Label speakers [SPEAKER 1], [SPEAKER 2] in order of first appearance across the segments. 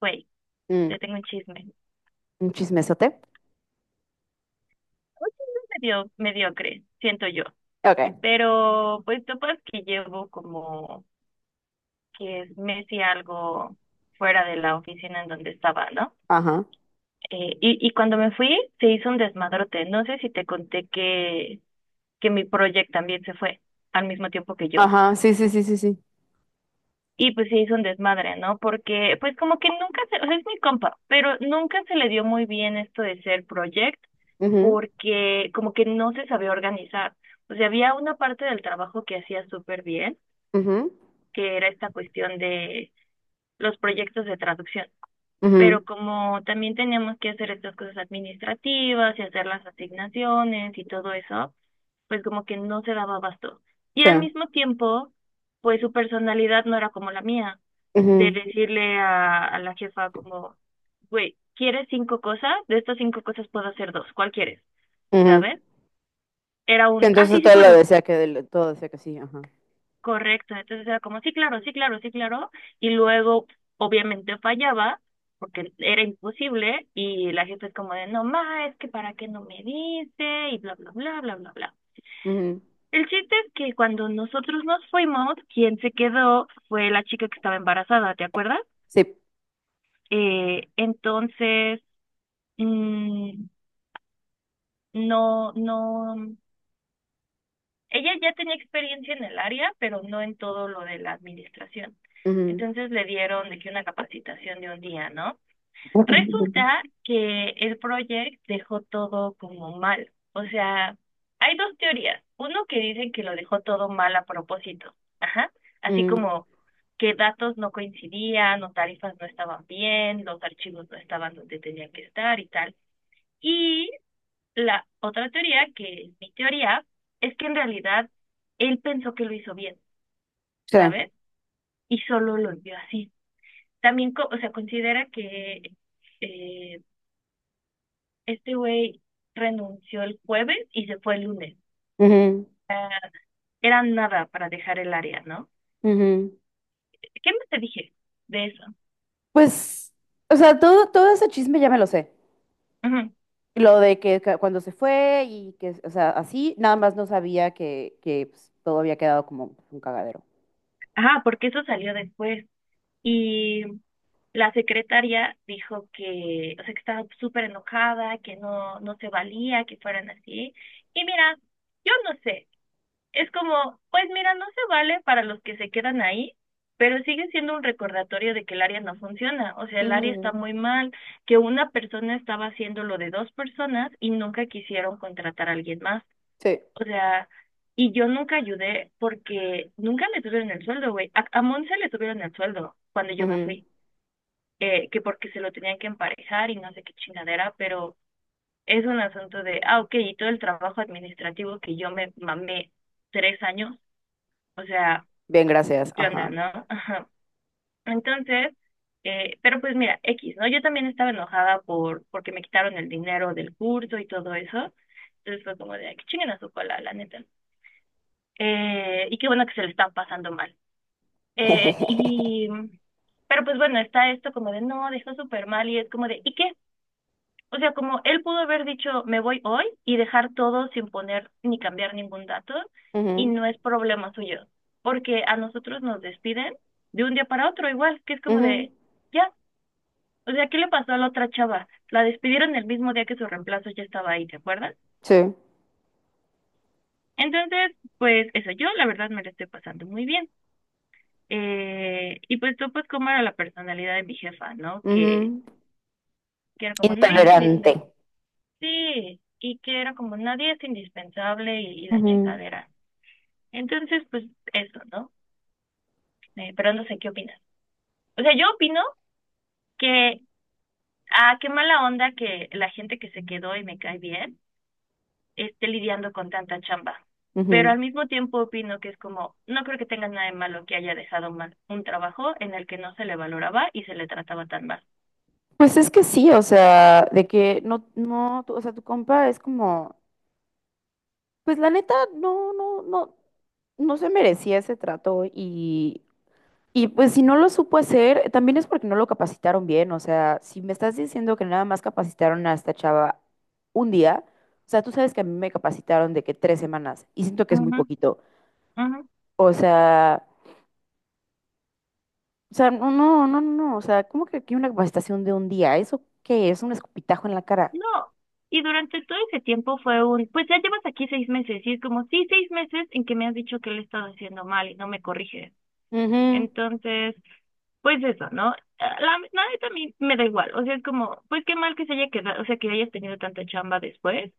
[SPEAKER 1] Güey,
[SPEAKER 2] Mm,
[SPEAKER 1] te tengo un chisme. Un
[SPEAKER 2] un chismesote.
[SPEAKER 1] chisme medio mediocre, siento yo.
[SPEAKER 2] Ok.
[SPEAKER 1] Pero pues topas que llevo como que es mes y algo fuera de la oficina en donde estaba, ¿no?
[SPEAKER 2] Ajá.
[SPEAKER 1] Y cuando me fui se hizo un desmadrote. No sé si te conté que mi proyecto también se fue al mismo tiempo que yo.
[SPEAKER 2] Ajá. Sí, sí, sí, sí, sí.
[SPEAKER 1] Y pues sí hizo un desmadre, ¿no? Porque pues como que nunca se, o sea, es mi compa, pero nunca se le dio muy bien esto de ser project
[SPEAKER 2] Ujú,
[SPEAKER 1] porque como que no se sabía organizar. O sea, había una parte del trabajo que hacía súper bien,
[SPEAKER 2] ujú,
[SPEAKER 1] que era esta cuestión de los proyectos de traducción, pero
[SPEAKER 2] ujú,
[SPEAKER 1] como también teníamos que hacer estas cosas administrativas y hacer las asignaciones y todo eso, pues como que no se daba abasto. Y
[SPEAKER 2] sí.
[SPEAKER 1] al mismo tiempo, pues su personalidad no era como la mía, de
[SPEAKER 2] Ujú,
[SPEAKER 1] decirle a la jefa como, güey, ¿quieres cinco cosas? De estas cinco cosas puedo hacer dos, ¿cuál quieres?
[SPEAKER 2] ujú.
[SPEAKER 1] ¿Sabes? Era
[SPEAKER 2] Que
[SPEAKER 1] un, ah,
[SPEAKER 2] Entonces
[SPEAKER 1] sí, sí puedo.
[SPEAKER 2] todo decía que sí, ajá.
[SPEAKER 1] Correcto, entonces era como, sí, claro, sí, claro, sí, claro, y luego obviamente fallaba porque era imposible y la jefa es como de, no, ma, es que para qué no me dice y bla, bla, bla, bla, bla, bla.
[SPEAKER 2] Ujú,
[SPEAKER 1] El chiste es que cuando nosotros nos fuimos, quien se quedó fue la chica que estaba embarazada, ¿te acuerdas?
[SPEAKER 2] sí.
[SPEAKER 1] Entonces, mm, no, no. Ella ya tenía experiencia en el área, pero no en todo lo de la administración.
[SPEAKER 2] Ujú,
[SPEAKER 1] Entonces le dieron de que una capacitación de un día, ¿no?
[SPEAKER 2] ujú,
[SPEAKER 1] Resulta que el proyecto dejó todo como mal. O sea, hay dos teorías. Uno que dice que lo dejó todo mal a propósito. Ajá. Así como que datos no coincidían o tarifas no estaban bien, los archivos no estaban donde tenían que estar y tal. Y la otra teoría, que es mi teoría, es que en realidad él pensó que lo hizo bien,
[SPEAKER 2] sí.
[SPEAKER 1] ¿sabes? Y solo lo vio así. También, o sea, considera que eh, este güey renunció el jueves y se fue el lunes. Era nada para dejar el área, ¿no?
[SPEAKER 2] Ujú, ujú.
[SPEAKER 1] ¿Qué más te dije de eso?
[SPEAKER 2] Pues, o sea, todo ese chisme ya me lo sé.
[SPEAKER 1] Ujú.
[SPEAKER 2] Lo de que cuando se fue y que, o sea, así, nada más no sabía que, pues, todo había quedado como un cagadero.
[SPEAKER 1] Ah, porque eso salió después. Y la secretaria dijo que, o sea, que estaba súper enojada, que no, no se valía que fueran así. Y mira, yo no sé, es como, pues mira, no se vale para los que se quedan ahí, pero sigue siendo un recordatorio de que el área no funciona. O sea, el área está
[SPEAKER 2] Ujú,
[SPEAKER 1] muy mal, que una persona estaba haciendo lo de dos personas y nunca quisieron contratar a alguien más.
[SPEAKER 2] sí.
[SPEAKER 1] O sea, y yo nunca ayudé porque nunca le subieron el sueldo, güey. A Monse le subieron el sueldo cuando yo me
[SPEAKER 2] Ujú.
[SPEAKER 1] fui, que porque se lo tenían que emparejar y no sé qué chingadera, pero es un asunto de, ah, ok, y todo el trabajo administrativo que yo me mamé 3 años, o sea,
[SPEAKER 2] Bien, gracias.
[SPEAKER 1] yo anda,
[SPEAKER 2] Ajá.
[SPEAKER 1] ¿no? Ajá. Entonces, pero pues mira, X, ¿no? Yo también estaba enojada porque me quitaron el dinero del curso y todo eso. Entonces fue como de, "Ay, que chinguen a su cola, la neta. Y qué bueno que se le están pasando mal. Eh, y, pero pues bueno, está esto como de, no, dejó súper mal y es como de, ¿y qué? O sea, como él pudo haber dicho, me voy hoy y dejar todo sin poner ni cambiar ningún dato y
[SPEAKER 2] Ujú,
[SPEAKER 1] no es problema suyo, porque a nosotros nos despiden de un día para otro igual, que es como
[SPEAKER 2] ujú,
[SPEAKER 1] de, ya, o sea, ¿qué le pasó a la otra chava? La despidieron el mismo día que su reemplazo ya estaba ahí, ¿te acuerdas?
[SPEAKER 2] sí.
[SPEAKER 1] Entonces, pues eso, yo la verdad me lo estoy pasando muy bien. Y pues tú, pues, cómo era la personalidad de mi jefa, ¿no? Que,
[SPEAKER 2] Ujú,
[SPEAKER 1] que era como, nadie es
[SPEAKER 2] intolerante.
[SPEAKER 1] indispensable. Sí, y que era como nadie es indispensable y la
[SPEAKER 2] Ujú,
[SPEAKER 1] chingadera. Entonces, pues eso, ¿no? Pero no sé qué opinas. O sea, yo opino que, ah, qué mala onda que la gente que se quedó y me cae bien esté lidiando con tanta chamba. Pero
[SPEAKER 2] ujú.
[SPEAKER 1] al mismo tiempo opino que es como, no creo que tenga nada de malo que haya dejado mal un trabajo en el que no se le valoraba y se le trataba tan mal.
[SPEAKER 2] Pues es que sí, o sea, de que no, no, o sea, tu compa es como, pues la neta, no, no, no, no se merecía ese trato, y pues si no lo supo hacer, también es porque no lo capacitaron bien, o sea, si me estás diciendo que nada más capacitaron a esta chava un día, o sea, tú sabes que a mí me capacitaron de que 3 semanas y siento que es muy poquito,
[SPEAKER 1] Ujú, ujú.
[SPEAKER 2] o sea... o sea, no, no, no, no, o sea, ¿cómo que aquí una capacitación de un día? ¿Eso qué es? Un escupitajo en la cara.
[SPEAKER 1] No, y durante todo ese tiempo fue un, pues ya llevas aquí 6 meses, y es como, sí, 6 meses en que me has dicho que lo he estado haciendo mal y no me corriges.
[SPEAKER 2] Ujú,
[SPEAKER 1] Entonces, pues eso, ¿no? La neta a mí me da igual, o sea, es como, pues qué mal que se haya quedado, o sea, que hayas tenido tanta chamba después,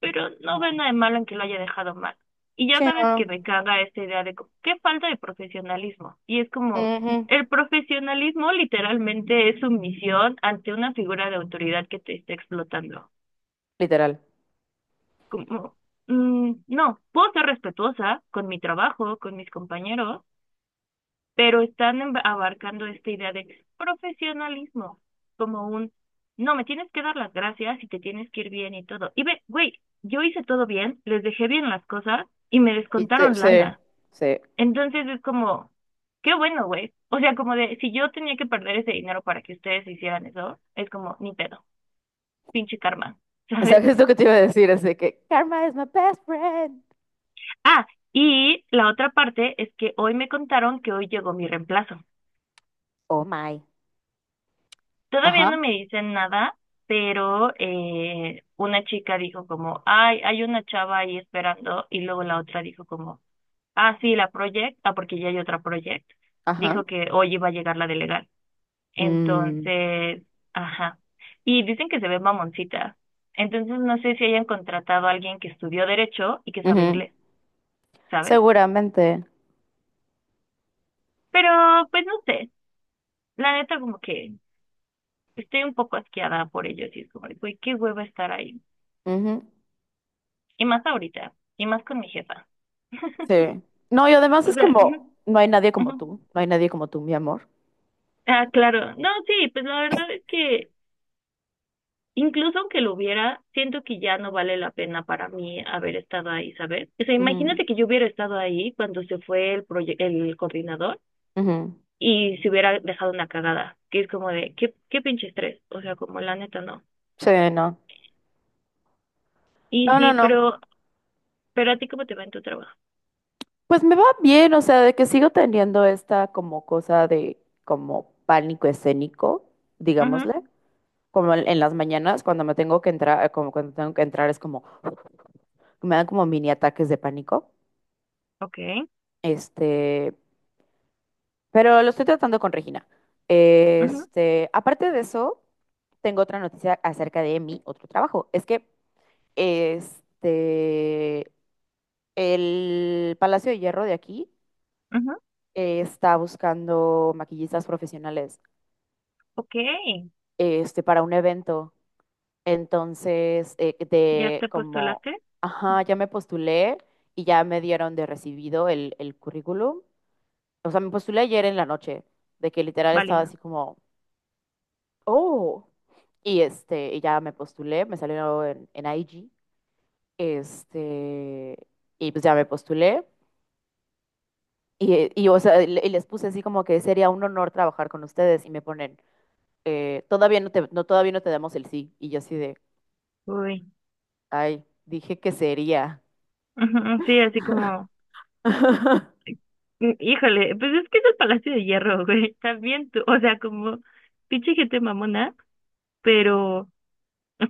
[SPEAKER 1] pero no veo nada de malo en que lo haya dejado mal. Y ya
[SPEAKER 2] sí,
[SPEAKER 1] sabes que me
[SPEAKER 2] no.
[SPEAKER 1] caga esta idea de como, qué falta de profesionalismo. Y es como,
[SPEAKER 2] Ujú,
[SPEAKER 1] el profesionalismo literalmente es sumisión ante una figura de autoridad que te está explotando.
[SPEAKER 2] literal.
[SPEAKER 1] Como, mm, no, puedo ser respetuosa con mi trabajo, con mis compañeros, pero están abarcando esta idea de profesionalismo, como un, no, me tienes que dar las gracias y te tienes que ir bien y todo. Y ve, güey, yo hice todo bien, les dejé bien las cosas y me descontaron
[SPEAKER 2] Sí,
[SPEAKER 1] lana.
[SPEAKER 2] sí.
[SPEAKER 1] Entonces es como, qué bueno, güey. O sea, como de, si yo tenía que perder ese dinero para que ustedes hicieran eso, es como, ni pedo, pinche karma, ¿sabes?
[SPEAKER 2] ¿Sabes lo que te iba a decir? Así que, karma is my best friend.
[SPEAKER 1] Ah, y la otra parte es que hoy me contaron que hoy llegó mi reemplazo.
[SPEAKER 2] Oh my.
[SPEAKER 1] Todavía
[SPEAKER 2] Ajá,
[SPEAKER 1] no me dicen nada, pero una chica dijo como, ay, hay una chava ahí esperando, y luego la otra dijo como, ah, sí, la project, ah, porque ya hay otra project.
[SPEAKER 2] ajá.
[SPEAKER 1] Dijo que hoy iba a llegar la de legal.
[SPEAKER 2] Mm,
[SPEAKER 1] Entonces, ajá. Y dicen que se ve mamoncita. Entonces no sé si hayan contratado a alguien que estudió derecho y que sabe
[SPEAKER 2] ujú,
[SPEAKER 1] inglés, ¿sabes?
[SPEAKER 2] seguramente.
[SPEAKER 1] Pero, pues no sé. La neta como que estoy un poco asqueada por ellos y es como, güey, qué hueva estar ahí.
[SPEAKER 2] Ujú,
[SPEAKER 1] Y más ahorita, y más con mi jefa.
[SPEAKER 2] sí. No, y además
[SPEAKER 1] O
[SPEAKER 2] es
[SPEAKER 1] sea, ujú,
[SPEAKER 2] como, no hay nadie como
[SPEAKER 1] ujú.
[SPEAKER 2] tú, no hay nadie como tú, mi amor.
[SPEAKER 1] Ah, claro. No, sí, pues la verdad es que incluso aunque lo hubiera, siento que ya no vale la pena para mí haber estado ahí, ¿sabes? O sea,
[SPEAKER 2] Ujú,
[SPEAKER 1] imagínate que yo hubiera estado ahí cuando se fue el el coordinador
[SPEAKER 2] ujú,
[SPEAKER 1] y se hubiera dejado una cagada, que es como de, qué, qué pinche estrés. O sea, como la neta no.
[SPEAKER 2] sí, no.
[SPEAKER 1] Y
[SPEAKER 2] No, no,
[SPEAKER 1] sí,
[SPEAKER 2] no.
[SPEAKER 1] pero a ti cómo te va en tu trabajo.
[SPEAKER 2] Pues me va bien, o sea, de que sigo teniendo esta como cosa de como pánico escénico,
[SPEAKER 1] Ajá,
[SPEAKER 2] digámosle, como en las mañanas cuando me tengo que entrar, como cuando tengo que entrar es como me dan como mini ataques de pánico.
[SPEAKER 1] ok,
[SPEAKER 2] Este, pero lo estoy tratando con Regina.
[SPEAKER 1] ajá,
[SPEAKER 2] Aparte de eso, tengo otra noticia acerca de mi otro trabajo. Es que este el Palacio de Hierro de aquí
[SPEAKER 1] ajá,
[SPEAKER 2] está buscando maquillistas profesionales.
[SPEAKER 1] ok.
[SPEAKER 2] Para un evento. Entonces,
[SPEAKER 1] ¿Ya
[SPEAKER 2] de
[SPEAKER 1] te
[SPEAKER 2] como,
[SPEAKER 1] postulaste?
[SPEAKER 2] ajá, ya me postulé y ya me dieron de recibido el currículum. O sea, me postulé ayer en la noche, de que literal estaba
[SPEAKER 1] Válido.
[SPEAKER 2] así como, oh, y ya me postulé, me salió en, IG, este, y pues ya me postulé. Y, o sea, y les puse así como que sería un honor trabajar con ustedes y me ponen, todavía no te damos el sí. Y yo así de,
[SPEAKER 1] Uy.
[SPEAKER 2] ay, dije que sería.
[SPEAKER 1] Ujú, sí, así como, mm, híjole, pues es que es el Palacio de Hierro, güey. También tú, o sea, como pinche gente mamona, pero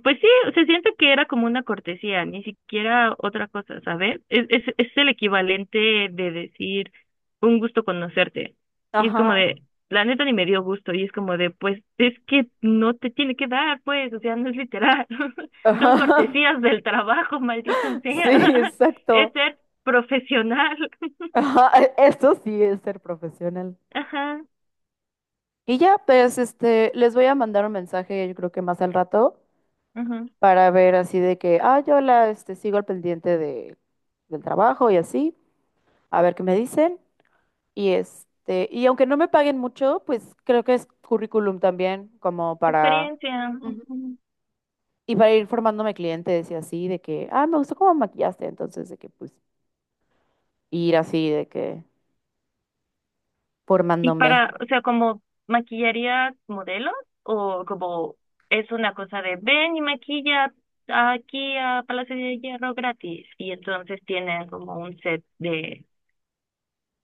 [SPEAKER 1] pues sí, se siente que era como una cortesía, ni siquiera otra cosa, ¿sabes? Es el equivalente de decir un gusto conocerte. Y es como
[SPEAKER 2] Ajá,
[SPEAKER 1] de, la neta ni me dio gusto. Y es como de, pues es que no te tiene que dar, pues, o sea, no es literal. Son
[SPEAKER 2] ajá.
[SPEAKER 1] cortesías del trabajo, maldita
[SPEAKER 2] Sí,
[SPEAKER 1] sea. Es
[SPEAKER 2] exacto.
[SPEAKER 1] ser profesional.
[SPEAKER 2] Ajá, eso sí es ser profesional.
[SPEAKER 1] Ajá,
[SPEAKER 2] Y ya, pues, les voy a mandar un mensaje, yo creo que más al rato,
[SPEAKER 1] ajá.
[SPEAKER 2] para ver así de que, ah, sigo al pendiente del trabajo y así, a ver qué me dicen. Y aunque no me paguen mucho, pues creo que es currículum también, como para.
[SPEAKER 1] Experiencia.
[SPEAKER 2] Y para ir formándome clientes y así, de que, ah, me gustó cómo maquillaste, entonces de que pues ir así, de que
[SPEAKER 1] Y
[SPEAKER 2] formándome,
[SPEAKER 1] para, o sea, como maquillarías modelos o como es una cosa de ven y maquilla aquí a Palacio de Hierro gratis y entonces tienen como un set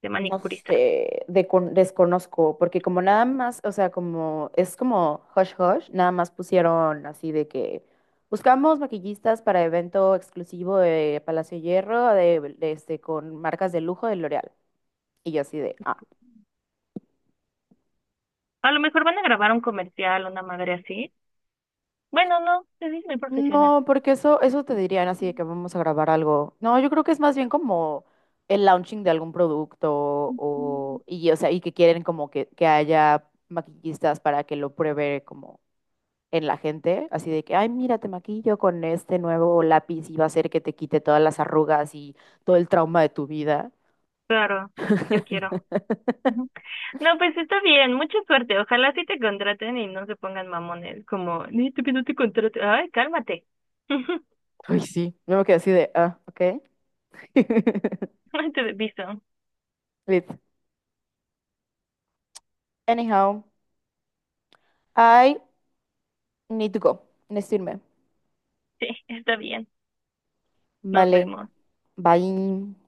[SPEAKER 1] de
[SPEAKER 2] no
[SPEAKER 1] manicuristas.
[SPEAKER 2] sé, de desconozco, porque como nada más, o sea, como es como hush hush, nada más pusieron así de que buscamos maquillistas para evento exclusivo de Palacio de Hierro, con marcas de lujo de L'Oreal. Y yo así de, ah,
[SPEAKER 1] A lo mejor van a grabar un comercial, una madre así. Bueno, no, es muy profesional.
[SPEAKER 2] no, porque eso te dirían así de que vamos a grabar algo. No, yo creo que es más bien como el launching de algún producto o sea, y que quieren como que, haya maquillistas para que lo pruebe como en la gente, así de que, ay, mira, te maquillo con este nuevo lápiz y va a hacer que te quite todas las arrugas y todo el trauma de tu vida.
[SPEAKER 1] Claro, yo quiero. Ujú. No, pues está bien, mucha suerte. Ojalá sí te contraten y no se pongan mamones, como, ni tú que no te contraten. Ay, cálmate.
[SPEAKER 2] Ay, sí, yo me quedé así de, ah, ok.
[SPEAKER 1] No te beso.
[SPEAKER 2] Lit. Anyhow, I need to go. Necesito irme.
[SPEAKER 1] Sí, está bien. Nos
[SPEAKER 2] Vale.
[SPEAKER 1] vemos.
[SPEAKER 2] Bye.